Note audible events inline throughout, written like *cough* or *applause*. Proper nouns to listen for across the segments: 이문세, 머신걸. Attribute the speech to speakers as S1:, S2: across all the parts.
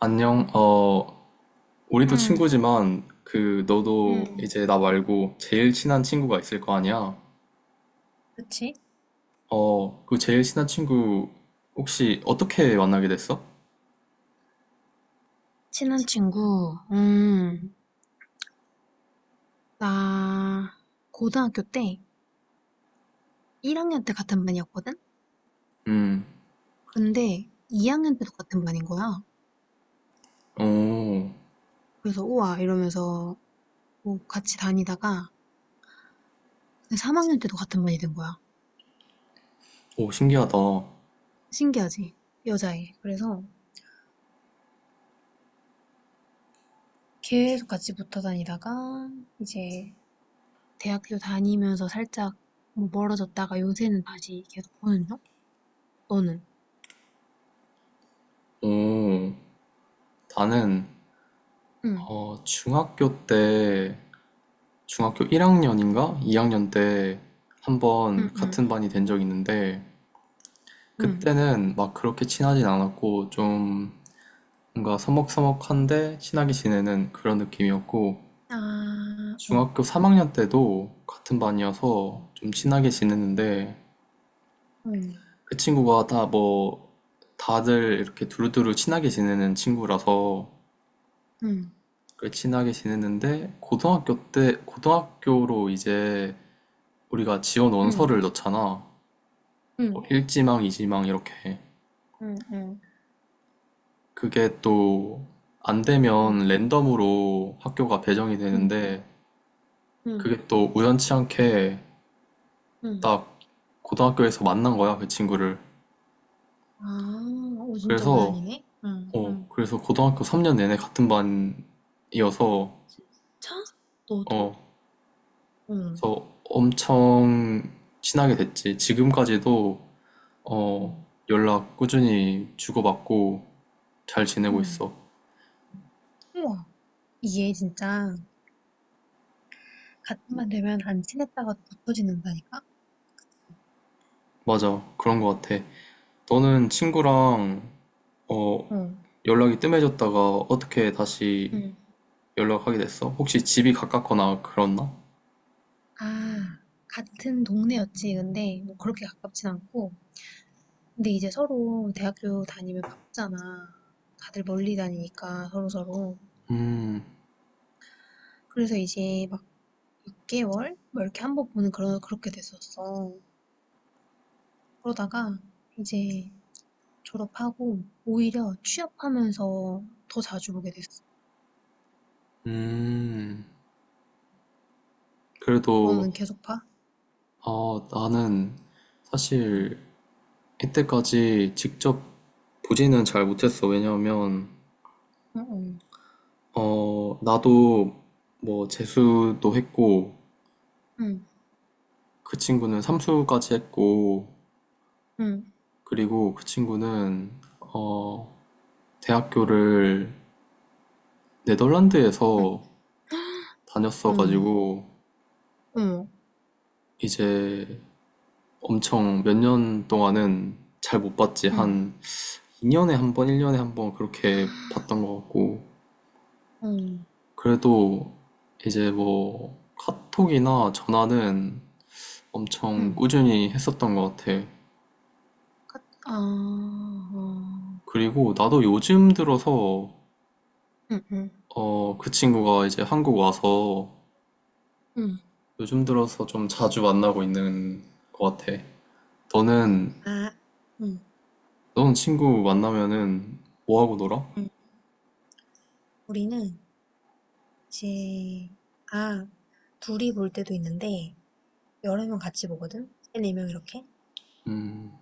S1: 안녕. 우리도
S2: 응,
S1: 친구지만, 너도
S2: 응.
S1: 이제 나 말고 제일 친한 친구가 있을 거 아니야?
S2: 그치?
S1: 그 제일 친한 친구, 혹시 어떻게 만나게 됐어?
S2: 친한 친구, 나 고등학교 때 1학년 때 같은 반이었거든?
S1: 음.
S2: 근데 2학년 때도 같은 반인 거야.
S1: 오.
S2: 그래서 우와 이러면서 뭐 같이 다니다가 3학년 때도 같은 반이 된 거야.
S1: 오, 신기하다. 오.
S2: 신기하지? 여자애. 그래서 계속 같이 붙어 다니다가 이제 대학교 다니면서 살짝 뭐 멀어졌다가 요새는 다시 계속 보는 중? 너는?
S1: 나는,
S2: 응,
S1: 중학교 때, 중학교 1학년인가? 2학년 때,
S2: 응,
S1: 한번
S2: 응,
S1: 같은 반이 된 적이 있는데,
S2: 응.
S1: 그때는 막 그렇게 친하진 않았고, 좀, 뭔가 서먹서먹한데 친하게 지내는 그런 느낌이었고,
S2: 아, 어.
S1: 중학교 3학년 때도 같은
S2: 응,
S1: 반이어서 좀 친하게 지냈는데,
S2: 응,
S1: 그 친구가 다 뭐 다들 이렇게 두루두루 친하게 지내는 친구라서
S2: 응,
S1: 그 친하게 지냈는데, 고등학교 때 고등학교로 이제 우리가 지원 원서를 넣잖아. 뭐
S2: 응,
S1: 1지망, 2지망 이렇게.
S2: 응, 응,
S1: 그게 또 안
S2: 응,
S1: 되면 랜덤으로 학교가 배정이
S2: 응,
S1: 되는데,
S2: 응,
S1: 그게 또 우연치 않게
S2: 응.
S1: 나 고등학교에서 만난 거야, 그 친구를.
S2: 아, 오, 진짜
S1: 그래서,
S2: 우연이네? 응, 응.
S1: 고등학교 3년 내내 같은 반이어서,
S2: 진짜?
S1: 어,
S2: 너도? 응,
S1: 그래서 엄청 친하게 됐지. 지금까지도,
S2: 응,
S1: 어, 연락 꾸준히 주고받고 잘 지내고
S2: 응.
S1: 있어.
S2: 우와, 이게 진짜 같은 반 되면 안 친했다가도 붙어지는다니까?
S1: 맞아, 그런 거 같아. 너는 친구랑, 어,
S2: 응,
S1: 연락이 뜸해졌다가 어떻게 다시
S2: 응.
S1: 연락하게 됐어? 혹시 집이 가깝거나 그렇나?
S2: 아, 같은 동네였지. 근데 뭐 그렇게 가깝진 않고. 근데 이제 서로 대학교 다니면 바쁘잖아. 다들 멀리 다니니까 서로서로.
S1: 음.
S2: 그래서 이제 막 6개월? 뭐 이렇게 한 번 보는 그런, 그렇게 됐었어. 그러다가 이제 졸업하고 오히려 취업하면서 더 자주 보게 됐어.
S1: 음. 그래도,
S2: 너는 계속 봐?
S1: 아, 나는
S2: 응,
S1: 사실 이때까지 직접 보지는 잘
S2: 응,
S1: 못했어. 왜냐하면,
S2: 응,
S1: 나도 뭐 재수도 했고,
S2: 응,
S1: 그 친구는 삼수까지 했고,
S2: 응,
S1: 그리고 그 친구는, 어, 대학교를 네덜란드에서
S2: 응,
S1: 다녔어가지고,
S2: 응,
S1: 이제 엄청 몇 년 동안은 잘 못 봤지.
S2: 응,
S1: 한 2년에 한 번, 1년에 한 번 그렇게 봤던 것 같고,
S2: 응,
S1: 그래도 이제 뭐 카톡이나 전화는 엄청
S2: 응.
S1: 꾸준히 했었던 것 같아.
S2: 가- 아, 어,
S1: 그리고 나도 요즘 들어서
S2: 응, 응,
S1: 그 친구가 이제 한국 와서
S2: 응.
S1: 요즘 들어서 좀 자주 만나고 있는 것 같아. 너는
S2: 아, 응,
S1: 너는 친구 만나면은 뭐 하고 놀아?
S2: 응. 우리는 이제, 아, 둘이 볼 때도 있는데, 여러 명 같이 보거든? 세, 네 명 이렇게.
S1: 음.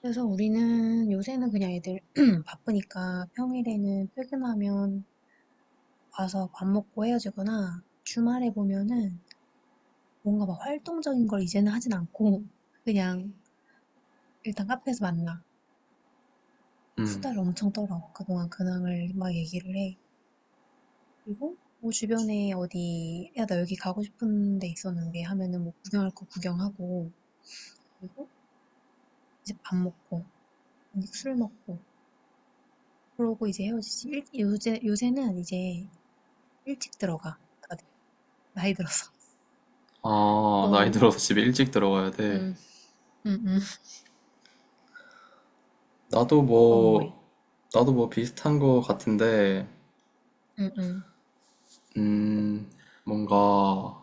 S2: 그래서 우리는 요새는 그냥 애들 *clears throat* *laughs* 바쁘니까 평일에는 퇴근하면 와서 밥 먹고 헤어지거나 주말에 보면은 뭔가 막 활동적인 걸 이제는 하진 않고 그냥 일단 카페에서 만나.
S1: 음.
S2: 수다를 엄청 떨어. 그동안 근황을 막 얘기를 해. 그리고 뭐 주변에 어디, 야, 나 여기 가고 싶은 데 있었는데 하면은 뭐 구경할 거 구경하고, 그리고 이제 밥 먹고, 술 먹고, 그러고 이제 헤어지지. 일, 요새, 요새는 이제 일찍 들어가. 다들 나이 들어서. *laughs*
S1: 아, 나이
S2: 너는?
S1: 들어서 집에 일찍 들어가야 돼.
S2: 응, 응, 응.
S1: 나도
S2: 넌 뭐해?
S1: 뭐 나도 뭐 비슷한 것 같은데,
S2: 응, 응.
S1: 음, 뭔가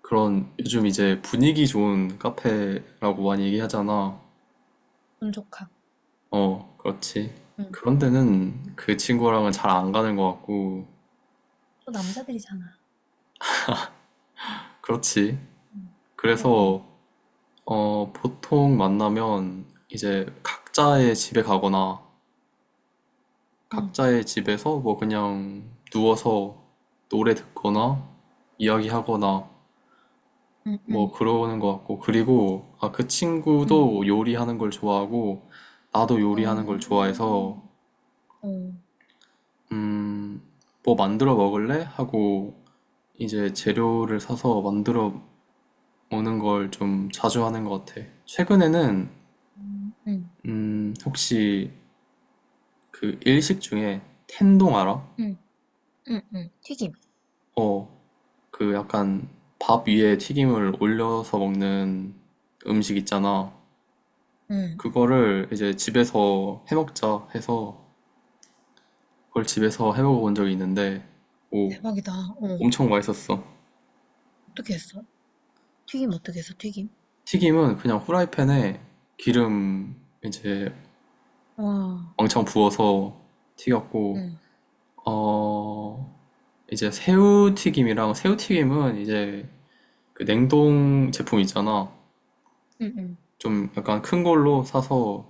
S1: 그런 요즘 이제 분위기 좋은 카페라고 많이 얘기하잖아.
S2: 운 좋다.
S1: 어, 그렇지.
S2: 응.
S1: 그런 데는 그 친구랑은 잘 안 가는 것 같고,
S2: 또 남자들이잖아.
S1: 그렇지.
S2: 응, 응, 응,
S1: 그래서, 보통 만나면 이제 각자의 집에 가거나,
S2: 응,
S1: 각자의 집에서 뭐 그냥 누워서 노래 듣거나, 이야기하거나,
S2: 응,
S1: 뭐
S2: 응.
S1: 그러는 것 같고, 그리고, 아, 그
S2: 응.
S1: 친구도 요리하는 걸 좋아하고, 나도
S2: 어,
S1: 요리하는 걸
S2: 어,
S1: 좋아해서, 음, 뭐 만들어 먹을래? 하고 이제 재료를 사서 만들어 오는 걸 좀 자주 하는 것 같아. 최근에는
S2: 응, 응,
S1: 혹시 그 일식 중에 텐동 알아?
S2: 응, 응, 응. 튀김.
S1: 어, 그 약간 밥 위에 튀김을 올려서 먹는 음식 있잖아.
S2: 응.
S1: 그거를 이제 집에서 해 먹자 해서 그걸 집에서 해 먹어 본 적이 있는데, 오,
S2: 대박이다. 어.
S1: 엄청 맛있었어.
S2: 어떻게 했어? 튀김 어떻게 했어? 튀김?
S1: 튀김은 그냥 후라이팬에 기름 이제
S2: 와.
S1: 왕창 부어서 튀겼고,
S2: 응,
S1: 어, 이제 새우튀김이랑 새우튀김은 이제 그 냉동 제품 있잖아.
S2: 응, 응,
S1: 좀 약간 큰 걸로 사서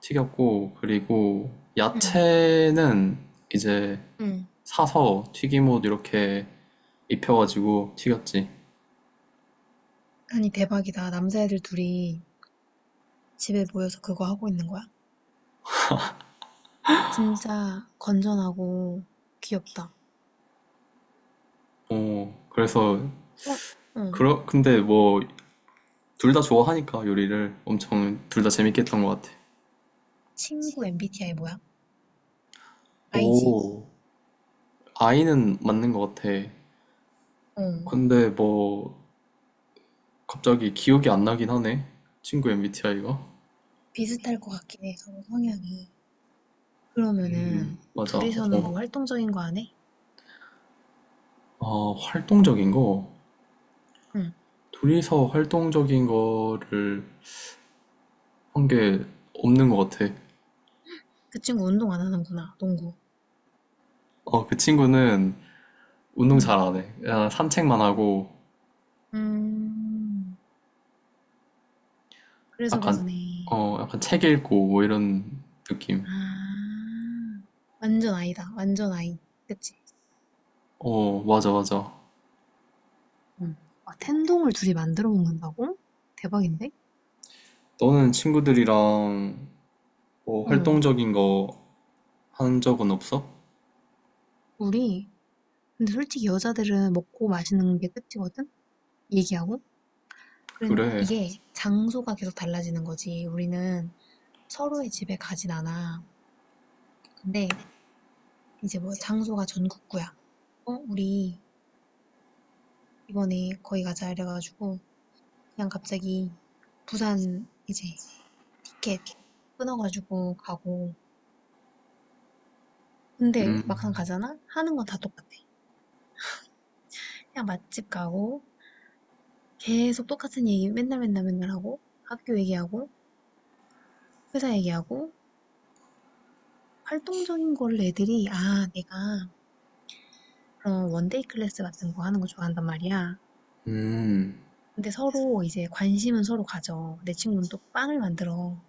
S1: 튀겼고, 그리고
S2: 응,
S1: 야채는 이제
S2: 응.
S1: 사서 튀김옷 이렇게 입혀가지고 튀겼지.
S2: 아니, 대박이다. 남자애들 둘이. 집에 모여서 그거 하고 있는 거야? 진짜 건전하고 귀엽다.
S1: 어, 그래서,
S2: 어, 응.
S1: 근데 뭐, 둘 다 좋아하니까 요리를 엄청 둘 다 재밌게 했던 것 같아.
S2: 친구 MBTI 뭐야? i 지
S1: 오, 아이는 맞는 것 같아.
S2: 응.
S1: 근데 뭐 갑자기 기억이 안 나긴 하네, 친구 MBTI가.
S2: 비슷할 것 같긴 해, 서로 성향이. 그러면은
S1: 맞아.
S2: 둘이서는
S1: 어.
S2: 뭐 활동적인 거 안 해?
S1: 아, 활동적인 거.
S2: 응.
S1: 둘이서 활동적인 거를 한 게 없는 것 같아.
S2: 그 친구 운동 안 하는구나, 농구.
S1: 어, 그 친구는 운동 잘
S2: 응.
S1: 안 해. 그냥 산책만 하고,
S2: 음, 그래서
S1: 약간
S2: 그러네.
S1: 약간
S2: 어.
S1: 책 읽고 뭐 이런 느낌.
S2: 아, 완전 아이다, 완전 아이. 그치?
S1: 어, 맞아, 맞아.
S2: 응. 아, 텐동을 둘이 만들어 먹는다고? 대박인데?
S1: 너는 친구들이랑 뭐
S2: 어.
S1: 활동적인 거 한 적은 없어?
S2: 우리 근데 솔직히 여자들은 먹고 마시는 게 끝이거든? 얘기하고? 그래,
S1: 그래.
S2: 이게 장소가 계속 달라지는 거지. 우리는 서로의 집에 가진 않아. 근데 이제 뭐 장소가 전국구야. 어, 우리 이번에 거기 가자 이래가지고 그냥 갑자기 부산 이제 티켓 끊어가지고 가고. 근데
S1: 음.
S2: 막상 가잖아? 하는 건 다 똑같아. 그냥 맛집 가고 계속 똑같은 얘기 맨날 맨날 맨날 하고 학교 얘기하고 회사 얘기하고 활동적인 거를 애들이 '아 내가 그런 원데이 클래스 같은 거 하는 거 좋아한단 말이야.'
S1: 음.
S2: 근데 서로 이제 관심은 서로 가져. 내 친구는 또 빵을 만들어.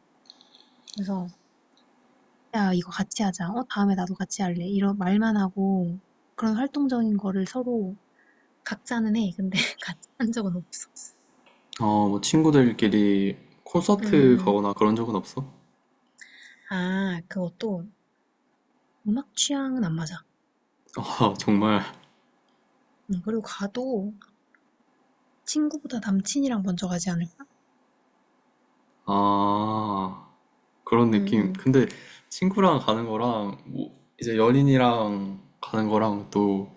S2: 그래서 "야 이거 같이 하자. 어 다음에 나도 같이 할래." 이런 말만 하고 그런 활동적인 거를 서로 각자는 해. 근데 *laughs* 같이 한 적은 없어.
S1: 뭐 친구들끼리
S2: 음
S1: 콘서트
S2: 음.
S1: 가거나 그런 적은 없어?
S2: 아 그것도 음악 취향은 안 맞아.
S1: *laughs* 아, 정말.
S2: 그리고 가도 친구보다 남친이랑 먼저 가지 않을까?
S1: 아, 그런 느낌.
S2: 음음.
S1: 근데 친구랑 가는 거랑 뭐 이제 연인이랑 가는 거랑 또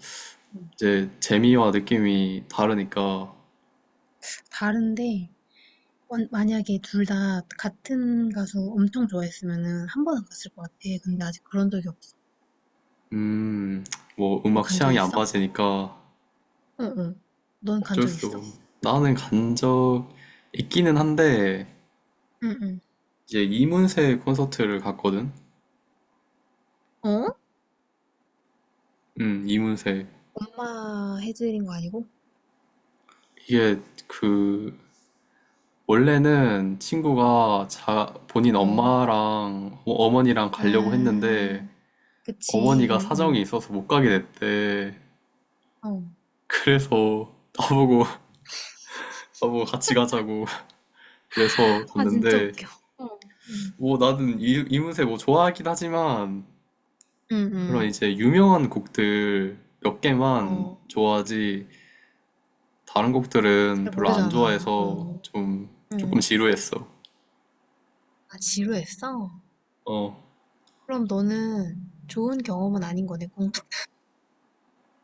S2: 음. 음.
S1: 이제 재미와 느낌이 다르니까,
S2: 다른데 만약에 둘 다 같은 가수 엄청 좋아했으면은 한 번은 갔을 것 같아. 근데 아직 그런 적이 없어.
S1: 음, 뭐
S2: 너
S1: 음악
S2: 간 적
S1: 취향이 안
S2: 있어?
S1: 맞으니까.
S2: 응, 응. 넌 간
S1: 어쩔
S2: 적
S1: 수.
S2: 있어?
S1: 없- 나는 간 적 있기는 한데
S2: 응, 응.
S1: 이제 이문세 콘서트를 갔거든.
S2: 어?
S1: 이문세.
S2: 엄마 해드린 거 아니고?
S1: 이게 그 원래는 친구가 본인
S2: 어.
S1: 어머니랑 가려고 했는데
S2: 아, 그치.
S1: 어머니가
S2: 응,
S1: 사정이
S2: 응.
S1: 있어서 못 가게 됐대.
S2: 어.
S1: 그래서 나보고 *laughs* 나보고 같이 가자고 그래서
S2: 아, 진짜
S1: 갔는데,
S2: 웃겨. 어. 응,
S1: 뭐 나는 이문세 뭐 좋아하긴 하지만
S2: 응.
S1: 그런
S2: 응.
S1: 이제 유명한 곡들 몇 개만
S2: 어.
S1: 좋아하지 다른 곡들은
S2: 잘
S1: 별로 안
S2: 모르잖아.
S1: 좋아해서
S2: 어.
S1: 조금
S2: 응.
S1: 지루했어.
S2: 아, 지루했어?
S1: 어
S2: 그럼 너는 좋은 경험은 아닌 거네,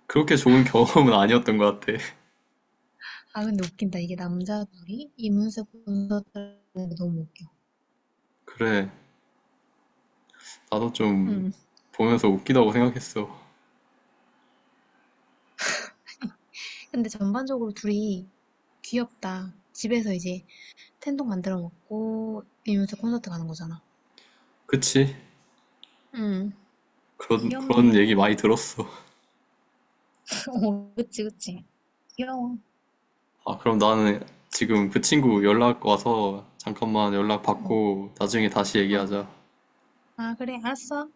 S1: 그렇게 좋은 *laughs* 경험은 아니었던 것 같아. *laughs*
S2: 아, 근데 웃긴다. 이게 남자 둘이 이문세 콘서트하는 게 너무 웃겨.
S1: 그래. 나도 좀
S2: 음.
S1: 보면서 웃기다고 생각했어.
S2: 근데 전반적으로 둘이 귀엽다. 집에서 이제 텐동 만들어 먹고 이문세 콘서트 가는 거잖아.
S1: 그치?
S2: 음.
S1: 그런
S2: 귀엽네.
S1: 얘기 많이 들었어.
S2: *laughs* 어, 그치, 그치. 귀여워.
S1: 아, 그럼 나는 지금 그 친구
S2: 응.
S1: 연락 와서 잠깐만 연락
S2: 어,
S1: 받고 나중에 다시
S2: 어. 어.
S1: 얘기하자.
S2: 아, 그래. 알았어.